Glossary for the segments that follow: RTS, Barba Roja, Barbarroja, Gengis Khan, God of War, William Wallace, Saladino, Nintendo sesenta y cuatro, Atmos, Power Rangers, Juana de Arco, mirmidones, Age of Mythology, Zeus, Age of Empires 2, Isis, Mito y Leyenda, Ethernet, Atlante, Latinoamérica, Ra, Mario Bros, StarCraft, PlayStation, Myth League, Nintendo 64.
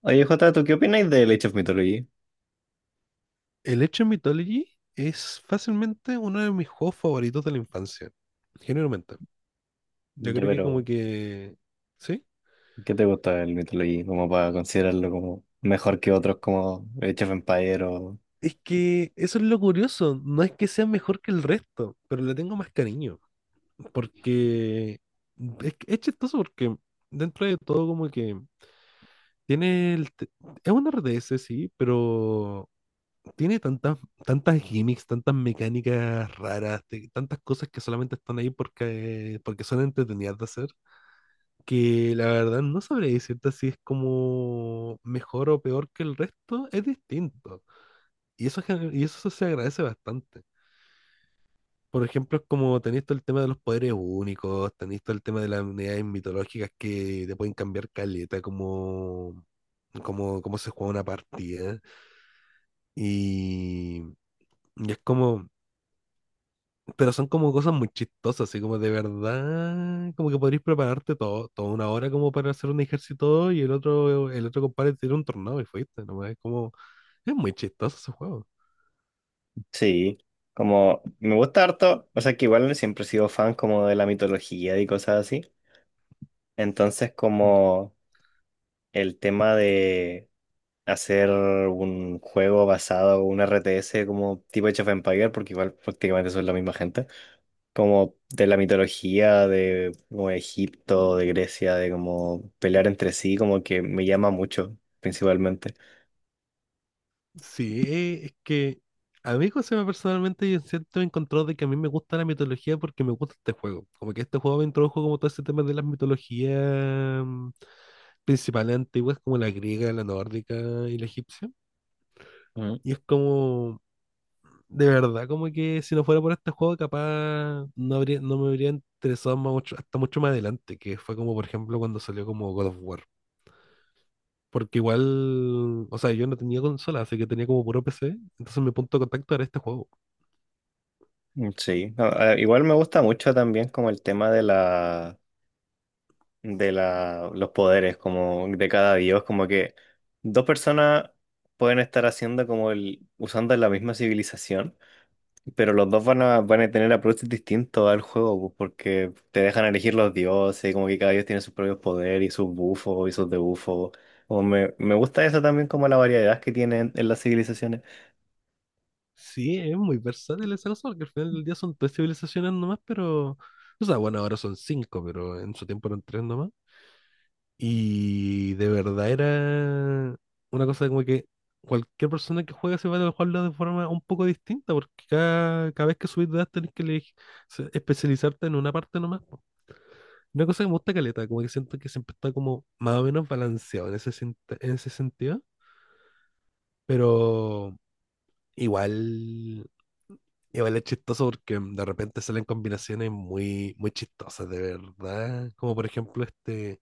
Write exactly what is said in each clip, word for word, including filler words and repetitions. Oye, Jota, ¿tú qué opináis del Age of Mythology? El Age of Mythology es fácilmente uno de mis juegos favoritos de la infancia, generalmente. Yo Ya, creo que como pero, que... ¿Sí? ¿qué te gusta el Mythology? Como para considerarlo como mejor que otros como Age of Empire o... Es que eso es lo curioso, no es que sea mejor que el resto, pero le tengo más cariño, porque es, que- es chistoso porque dentro de todo como que tiene el... te- es un R T S, sí, pero tiene tantas, tantas gimmicks, tantas mecánicas raras, te- tantas cosas que solamente están ahí porque, porque son entretenidas de hacer que la verdad no sabría decirte si es como mejor o peor que el resto, es distinto. Y eso, gen- y eso se agradece bastante. Por ejemplo, es como tenéis todo el tema de los poderes únicos, tenéis todo el tema de las unidades mitológicas que te pueden cambiar caleta, como, como, como se juega una partida. Y, y es como, pero son como cosas muy chistosas, así como de verdad, como que podrías prepararte todo, toda una hora como para hacer un ejército y el otro, el otro compadre tiene un tornado y fuiste, nomás es como, es muy chistoso ese juego. Sí, como me gusta harto, o sea que igual siempre he sido fan como de la mitología y cosas así. Entonces Mm. como el tema de hacer un juego basado, un R T S como tipo Age of Empire, porque igual prácticamente son la misma gente. Como de la mitología de como de Egipto, de Grecia, de como pelear entre sí, como que me llama mucho, principalmente. Sí, eh, es que a mí Josema personalmente yo siento encontró de que a mí me gusta la mitología porque me gusta este juego. Como que este juego me introdujo como todo ese tema de las mitologías mm, principales antiguas como la griega, la nórdica y la egipcia. Mm. Y es como, de verdad, como que si no fuera por este juego, capaz no habría, no me habría interesado más mucho, hasta mucho más adelante, que fue como, por ejemplo, cuando salió como God of War. Porque igual, o sea, yo no tenía consola, así que tenía como puro P C, entonces mi punto de contacto era este juego. Mm, sí, A- a- igual me gusta mucho también como el tema de la de la los poderes como de cada dios, como que dos personas pueden estar haciendo como el usando la misma civilización. Pero los dos van a, van a tener approaches distintos al juego, pues, porque te dejan elegir los dioses, como que cada dios tiene sus propios poderes y sus bufos y sus debuffos. O me, me gusta eso también como la variedad que tienen en las civilizaciones. Sí, es muy versátil esa cosa porque al final del día son tres civilizaciones nomás, pero... O sea, bueno, ahora son cinco, pero en su tiempo eran tres nomás. Y de verdad era una cosa de como que cualquier persona que juega se va a jugarlo de forma un poco distinta, porque cada, cada vez que subís de edad tenés que eleg- se- especializarte en una parte nomás, po. Una cosa que me gusta caleta, como que siento que siempre está como más o menos balanceado en ese, sen- en ese sentido, pero igual, igual es chistoso porque de repente salen combinaciones muy, muy chistosas, de verdad. Como por ejemplo este...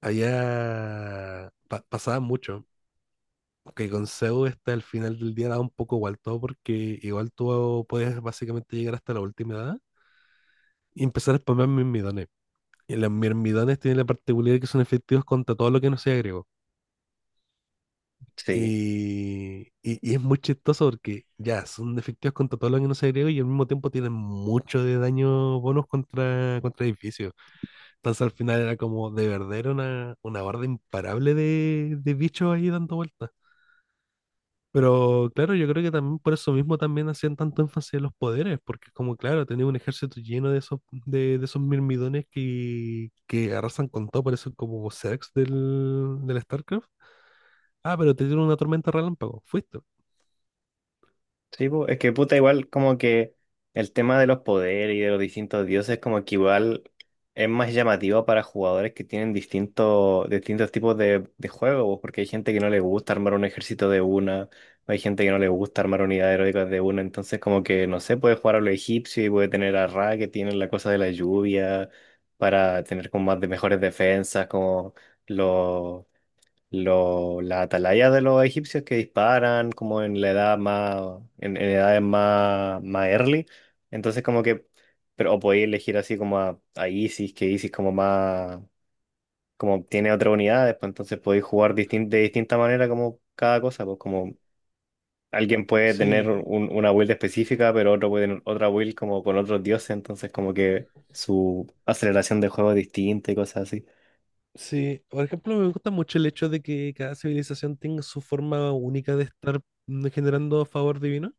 Allá pa- pasaba mucho que con Zeus este, al final del día da un poco igual todo porque igual tú puedes básicamente llegar hasta la última edad y empezar a spamear mirmidones. Y los mirmidones tienen la particularidad que son efectivos contra todo lo que no sea griego. Sí. Y, y, y es muy chistoso porque ya son efectivos contra todo lo que no sea griego y al mismo tiempo tienen mucho de daño bonus contra, contra edificios. Entonces al final era como de verdad era una, una horda imparable de, de bichos ahí dando vueltas. Pero claro, yo creo que también por eso mismo también hacían tanto énfasis en los poderes, porque es como claro, tenía un ejército lleno de esos, de, de esos mirmidones que, que arrasan con todo, por eso como Zex del, del StarCraft. Ah, pero te dieron una tormenta relámpago, fuiste. Sí, po, es que puta, igual como que el tema de los poderes y de los distintos dioses, como que igual es más llamativo para jugadores que tienen distintos, distintos tipos de, de juegos, po, porque hay gente que no le gusta armar un ejército de una, hay gente que no le gusta armar unidades heroicas de una, entonces como que, no sé, puede jugar a lo egipcio y puede tener a Ra que tiene la cosa de la lluvia, para tener como más de mejores defensas, como los lo, las atalaya de los egipcios que disparan como en la edad más, en, en edades más, más early. Entonces como que, pero o podéis elegir así como a, a Isis, que Isis como más, como tiene otra unidad, después entonces podéis jugar distin- de distinta manera como cada cosa, pues como alguien puede tener Sí, un- una build específica, pero otro puede tener otra build como con otros dioses, entonces como que su aceleración de juego es distinta y cosas así. sí. Por ejemplo, me gusta mucho el hecho de que cada civilización tenga su forma única de estar mm, generando favor divino,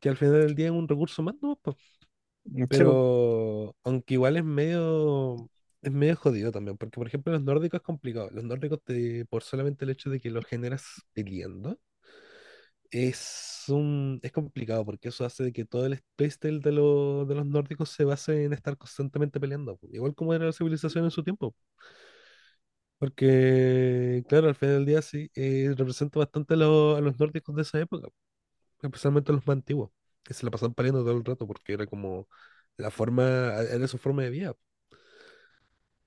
que al final del día es un recurso más, ¿no? Sí, pues. Pero aunque igual es medio, es medio jodido también, porque por ejemplo los nórdicos es complicado. Los nórdicos te- por solamente el hecho de que los generas peleando, es un, es complicado porque eso hace de que todo el space del- de, lo- de los nórdicos se base en estar constantemente peleando, po, igual como era la civilización en su tiempo. Porque claro, al final del día sí, eh, representa bastante a, lo- a los nórdicos de esa época, especialmente a los más antiguos, que se la pasaban peleando todo el rato porque era como la forma, era su forma de vida.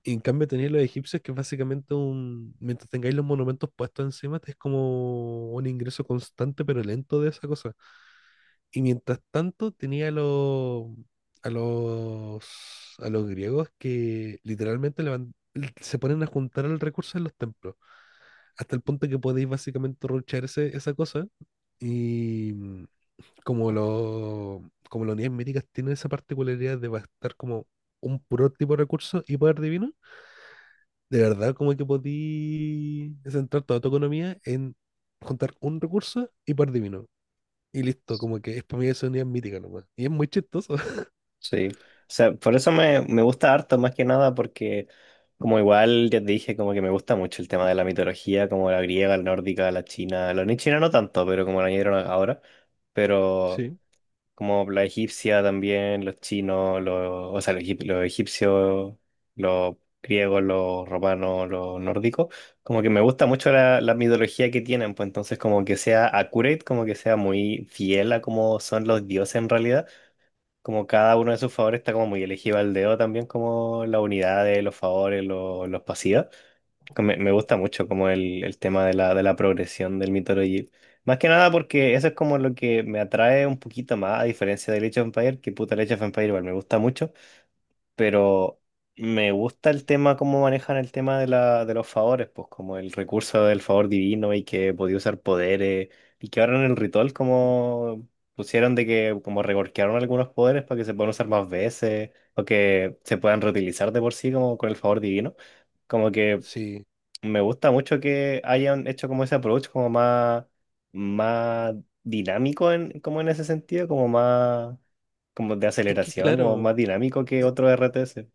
Y en cambio tenéis los egipcios que es básicamente un, mientras tengáis los monumentos puestos encima, es como un ingreso constante pero lento de esa cosa. Y mientras tanto tenía a los, a los, a los griegos que literalmente levan- se ponen a juntar el recurso en los templos, hasta el punto que podéis básicamente ruchar ese- esa cosa. Y mm, como, lo, como las unidades médicas tienen esa particularidad de bastar como un puro tipo de recurso y poder divino de verdad, como que podí centrar toda tu economía en juntar un recurso y par de vino. Y listo, como que es para mí esa unidad mítica nomás. Y es muy chistoso. Sí, o sea, por eso me, me gusta harto, más que nada, porque como igual ya te dije, como que me gusta mucho el tema de la mitología, como la griega, la nórdica, la china, la ni china no tanto, pero como la añadieron ahora, pero Sí, como la egipcia también, los chinos, los, o sea, los, egip- los egipcios, los griegos, los romanos, los nórdicos, como que me gusta mucho la, la mitología que tienen, pues entonces como que sea accurate, como que sea muy fiel a cómo son los dioses en realidad. Como cada uno de sus favores está como muy elegido al dedo también, como la unidad de los favores, lo- los pasivos. Que Me, me gusta mucho como el, el tema de la, de la progresión del Mythology. Más que nada porque eso es como lo que me atrae un poquito más, a diferencia de Age of Empires, que puta el Age of Empires igual me gusta mucho, pero me gusta el tema, cómo manejan el tema de la, de los favores, pues como el recurso del favor divino y que podía usar poderes y que ahora en el ritual como pusieron de que como reworkearon algunos poderes para que se puedan usar más veces o que se puedan reutilizar de por sí como con el favor divino. Como que sí. me gusta mucho que hayan hecho como ese approach como más, más dinámico en, como en ese sentido, como más como de Es que aceleración, como más claro, dinámico que otro R T R T S.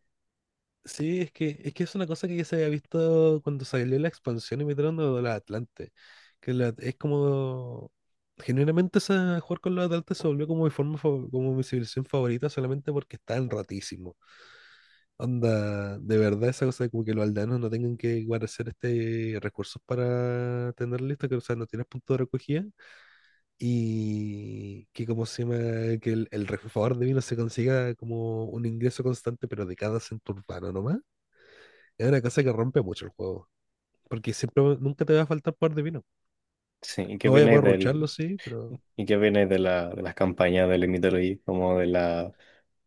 sí, es que, es que es una cosa que ya se había visto cuando salió la expansión y metieron a la Atlante. Que la- es como. Genuinamente esa, jugar con los Atlantes se volvió como mi forma, fa- como mi civilización favorita solamente porque estaban rotísimos. Onda, de verdad, esa cosa de como que los aldeanos no tengan que guardar este recursos para tener listo, que o sea, no tienes punto de recogida. Y que como se llama, que el, el refrigerador de vino se consiga como un ingreso constante, pero de cada centro urbano nomás. Es una cosa que rompe mucho el juego. Porque siempre, va- nunca te va a faltar poder de vino. Sí, ¿y qué No vaya a opináis poder rucharlo, del, sí, pero. y qué opináis de la, de las campañas del Mythology? Como de la,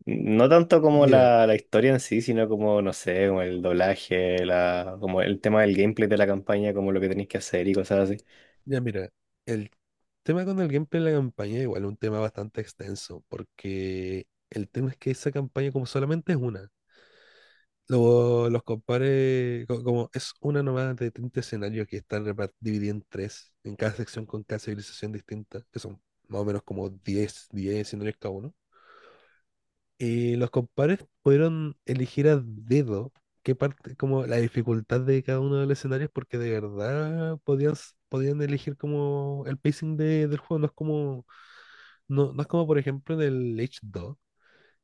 no tanto como Mira, la, la historia en sí, sino como, no sé, como el doblaje, la, como el tema del gameplay de la campaña, como lo que tenéis que hacer y cosas así. ya mira. El tema con el gameplay de la campaña, igual es un tema bastante extenso, porque. El tema es que esa campaña como solamente es una. lo- los compare, co- como es una nómada de treinta escenarios que están repar- divididos en tres, en cada sección con cada civilización distinta, que son más o menos como diez diez escenarios cada uno. Y los compares pudieron elegir a dedo qué parte, como la dificultad de cada uno de los escenarios, porque de verdad podían, s- podían elegir como el pacing de, del juego. No es como, no, no es como por ejemplo en el Age dos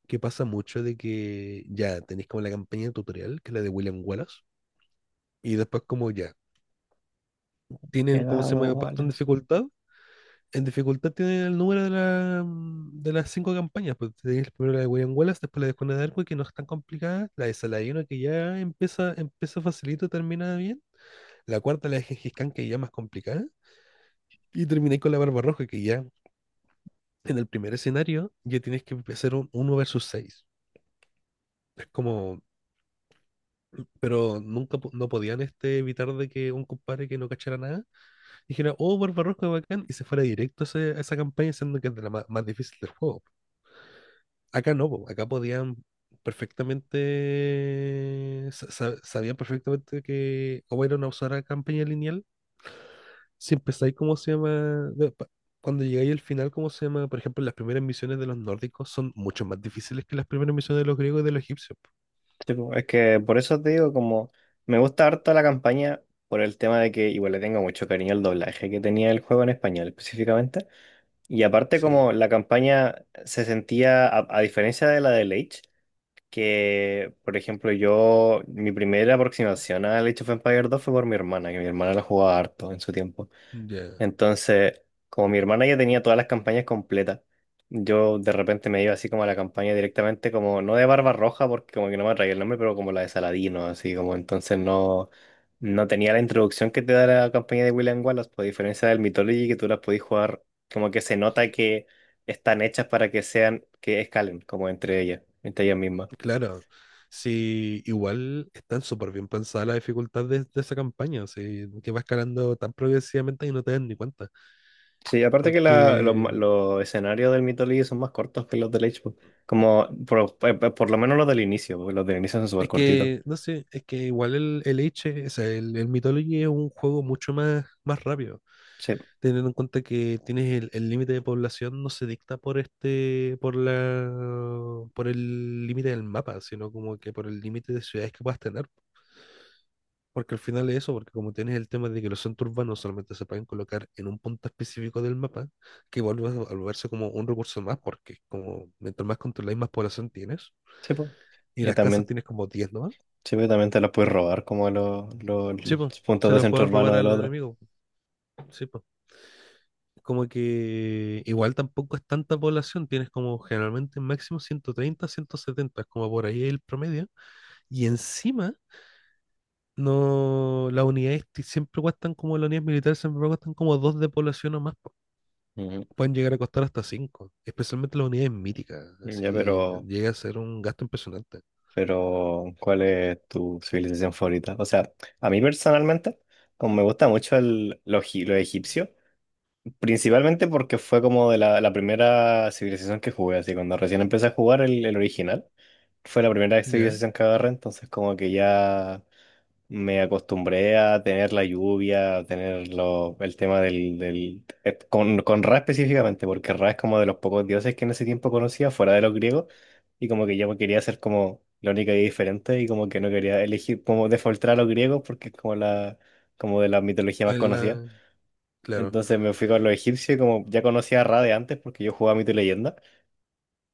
que pasa mucho de que ya tenéis como la campaña tutorial, que es la de William Wallace. Y después como ya, tienen como se Llegado, llama puesto en Wallace. dificultad. En dificultad tienen el número de, la, mm, de las cinco campañas. Pues tenéis primero la de William Wallace, después la de Juana de Arco, que no es tan complicada. La de Saladino, que ya empieza, empieza facilito, termina bien. La cuarta, la de Gengis Khan, que ya es más complicada. Y terminé con la Barbarroja, que ya en el primer escenario ya tienes que hacer un uno versus seis. Es como, pero nunca po- no podían este, evitar de que un compadre que no cachara nada dijera, oh, Barbarroja, bacán, y se fuera directo a ese- a esa campaña, siendo que es de la ma- más difícil del juego. Acá no, po, acá podían perfectamente, sa- sa- sabían perfectamente que o era una usar campaña lineal, si empezáis, ¿cómo se llama? De- pa- Cuando llegáis al final, ¿cómo se llama? Por ejemplo, las primeras misiones de los nórdicos son mucho más difíciles que las primeras misiones de los griegos y de los egipcios, po. Sí, po, es que por eso te digo, como, me gusta harto la campaña por el tema de que igual le tengo mucho cariño al doblaje que tenía el juego en español específicamente. Y aparte Sí, como la campaña se sentía, a, a diferencia de la de Age, que, por ejemplo, yo, mi primera aproximación al Age of Empires dos fue por mi hermana, que mi hermana la jugaba harto en su tiempo. ya. Entonces, como mi hermana ya tenía todas las campañas completas, yo de repente me iba así como a la campaña directamente, como no de Barba Roja, porque como que no me atraía el nombre, pero como la de Saladino, así como entonces no, no tenía la introducción que te da la campaña de William Wallace, por diferencia del Mythology, que tú las podías jugar, como que se nota que están hechas para que sean, que escalen, como entre ellas, entre ellas mismas. Claro, sí, igual están súper bien pensadas las dificultades de, de esa campaña, sí, que va escalando tan progresivamente y no te das ni cuenta. Sí, aparte que la- los, ma- Porque los escenarios del Myth League son más cortos que los del Age, po. Como por, eh, eh, por lo menos los del inicio, porque los del inicio son súper es cortitos. que, no sé, es que igual el, el H, o sea, el, el Mythology es un juego mucho más, más rápido, Sí, teniendo en cuenta que tienes el el límite de población no se dicta por este, por la, por el límite del mapa, sino como que por el límite de ciudades que puedas tener. Porque al final es eso, porque como tienes el tema de que los centros urbanos solamente se pueden colocar en un punto específico del mapa, que vuelve a a volverse como un recurso más, porque como mientras más controláis, más población tienes, sí, pues. y Y las casas también, tienes como diez nomás. sí, pues también te los puedes robar como los, los, Sí, pues, puntos se de las centro pueden urbano robar del al otro. enemigo. Sí, pues. Como que igual tampoco es tanta población, tienes como generalmente máximo ciento treinta, ciento setenta, es como por ahí el promedio, y encima... No, las unidades ti- siempre cuestan como las unidades militares, siempre cuestan como dos de población o más. Ujú. Pueden llegar a costar hasta cinco, especialmente las unidades míticas, Ya, así pero, llega a ser un gasto impresionante. pero, ¿cuál es tu civilización favorita? O sea, a mí personalmente, como me gusta mucho el, lo egipcio. Principalmente porque fue como de la, la primera civilización que jugué, así cuando recién empecé a jugar el, el original, fue la primera ¿Ya? civilización que agarré, entonces como que ya me acostumbré a tener la lluvia, a tener lo- el tema del, del eh, con, con Ra específicamente, porque Ra es como de los pocos dioses que en ese tiempo conocía, fuera de los griegos, y como que yo quería ser como la única y diferente, y como que no quería elegir, como defaultar a los griegos, porque es como la, como de la mitología más En conocida. la... Claro, Entonces me fui con los egipcios y como ya conocía a Ra de antes porque yo jugaba Mito y Leyenda,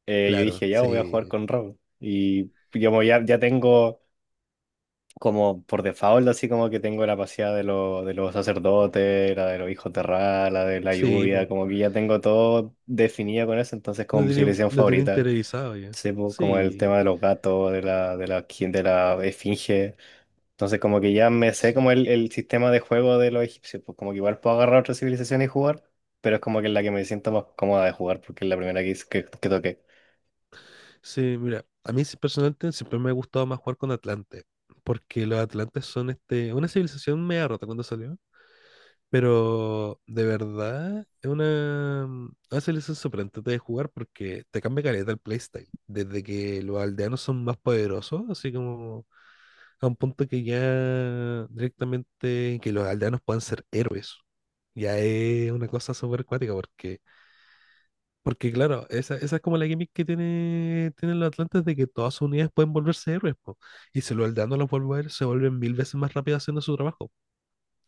eh, yo claro, dije, ya voy a jugar sí, con Ra. Y como ya, ya tengo como por default, así como que tengo la paseada de, los de los sacerdotes, la de los hijos de Ra, la de la sí, lluvia, po. como que ya tengo todo definido con eso, entonces como Lo mi tenía, civilización lo tenía favorita, interiorizado ya. sí, pues, como el tema Sí, de los gatos, de la, de la, de la esfinge. Entonces como que ya me sé sí, como el, el sistema de juego de los egipcios, pues como que igual puedo agarrar otra civilización y jugar, pero es como que es la que me siento más cómoda de jugar porque es la primera que, hice- que, que toqué. sí, mira, a mí sí, personalmente siempre me ha gustado más jugar con Atlante, porque los Atlantes son este, una civilización media rota cuando salió. Pero de verdad, es una, una selección sorprendente de jugar porque te cambia caleta el playstyle. Desde que los aldeanos son más poderosos, así como a un punto que ya directamente que los aldeanos puedan ser héroes. Ya es una cosa súper cuática porque, porque claro, esa, esa es como la gimmick que tiene, tienen los atlantes de que todas sus unidades pueden volverse héroes, po. Y si los aldeanos los vuelven, se vuelven mil veces más rápido haciendo su trabajo.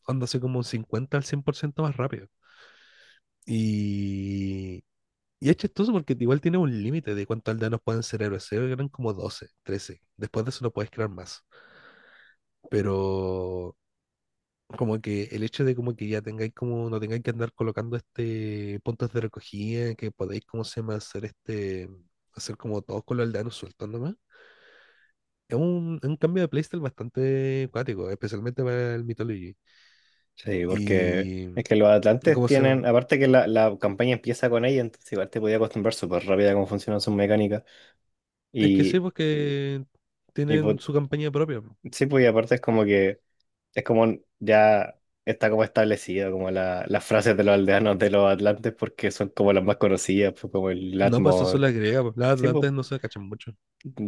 Onda así como un cincuenta al cien por ciento más rápido. Y, y es chistoso porque igual tiene un límite de cuántos aldeanos pueden ser héroes. Se eran como doce, trece. Después de eso no puedes crear más. Pero como que el hecho de como que ya tengáis como, no tengáis que andar colocando este puntos de recogida, que podéis, como se llama, hacer este, hacer como todos con los aldeanos sueltos nomás. Es un, es un cambio de playstyle bastante cuático, especialmente para el Mythology. Sí, porque Y, es que los y atlantes cómo se llama. tienen, aparte que la, la campaña empieza con ella, entonces igual te podía acostumbrar súper rápido a cómo funcionan sus mecánicas. Es que sí, Y, porque y pues, tienen su campaña propia. sí, pues y aparte es como que es como ya está como establecido como la, las frases de los aldeanos de los atlantes porque son como las más conocidas, pues como el No, pues eso es Atmos. la griega, pues las Sí, pues, atlantes no se cachan mucho.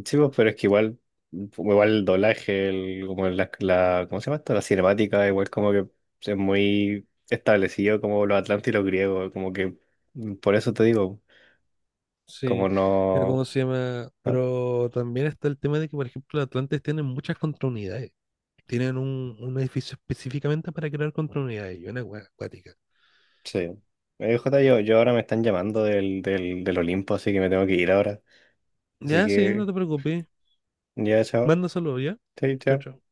sí, pues, pero es que igual, igual el doblaje, el, como la, la, ¿cómo se llama esto? La cinemática, igual como que es muy establecido como los atlantes y los griegos, como que mm, por eso te digo, como Sí, pero no, ¿cómo se llama? ¿no? Pero también está el tema de que, por ejemplo, los atlantes tienen muchas contraunidades. Tienen un, un edificio específicamente para crear contraunidades y una wea acuática. Sí. Eh, Jota, yo, yo ahora me están llamando del, del, del Olimpo, así que me tengo que ir ahora. Así Ya, sí, no que te preocupes. ya, chao. Mándaselo ya. Sí, Chao, chao. chao.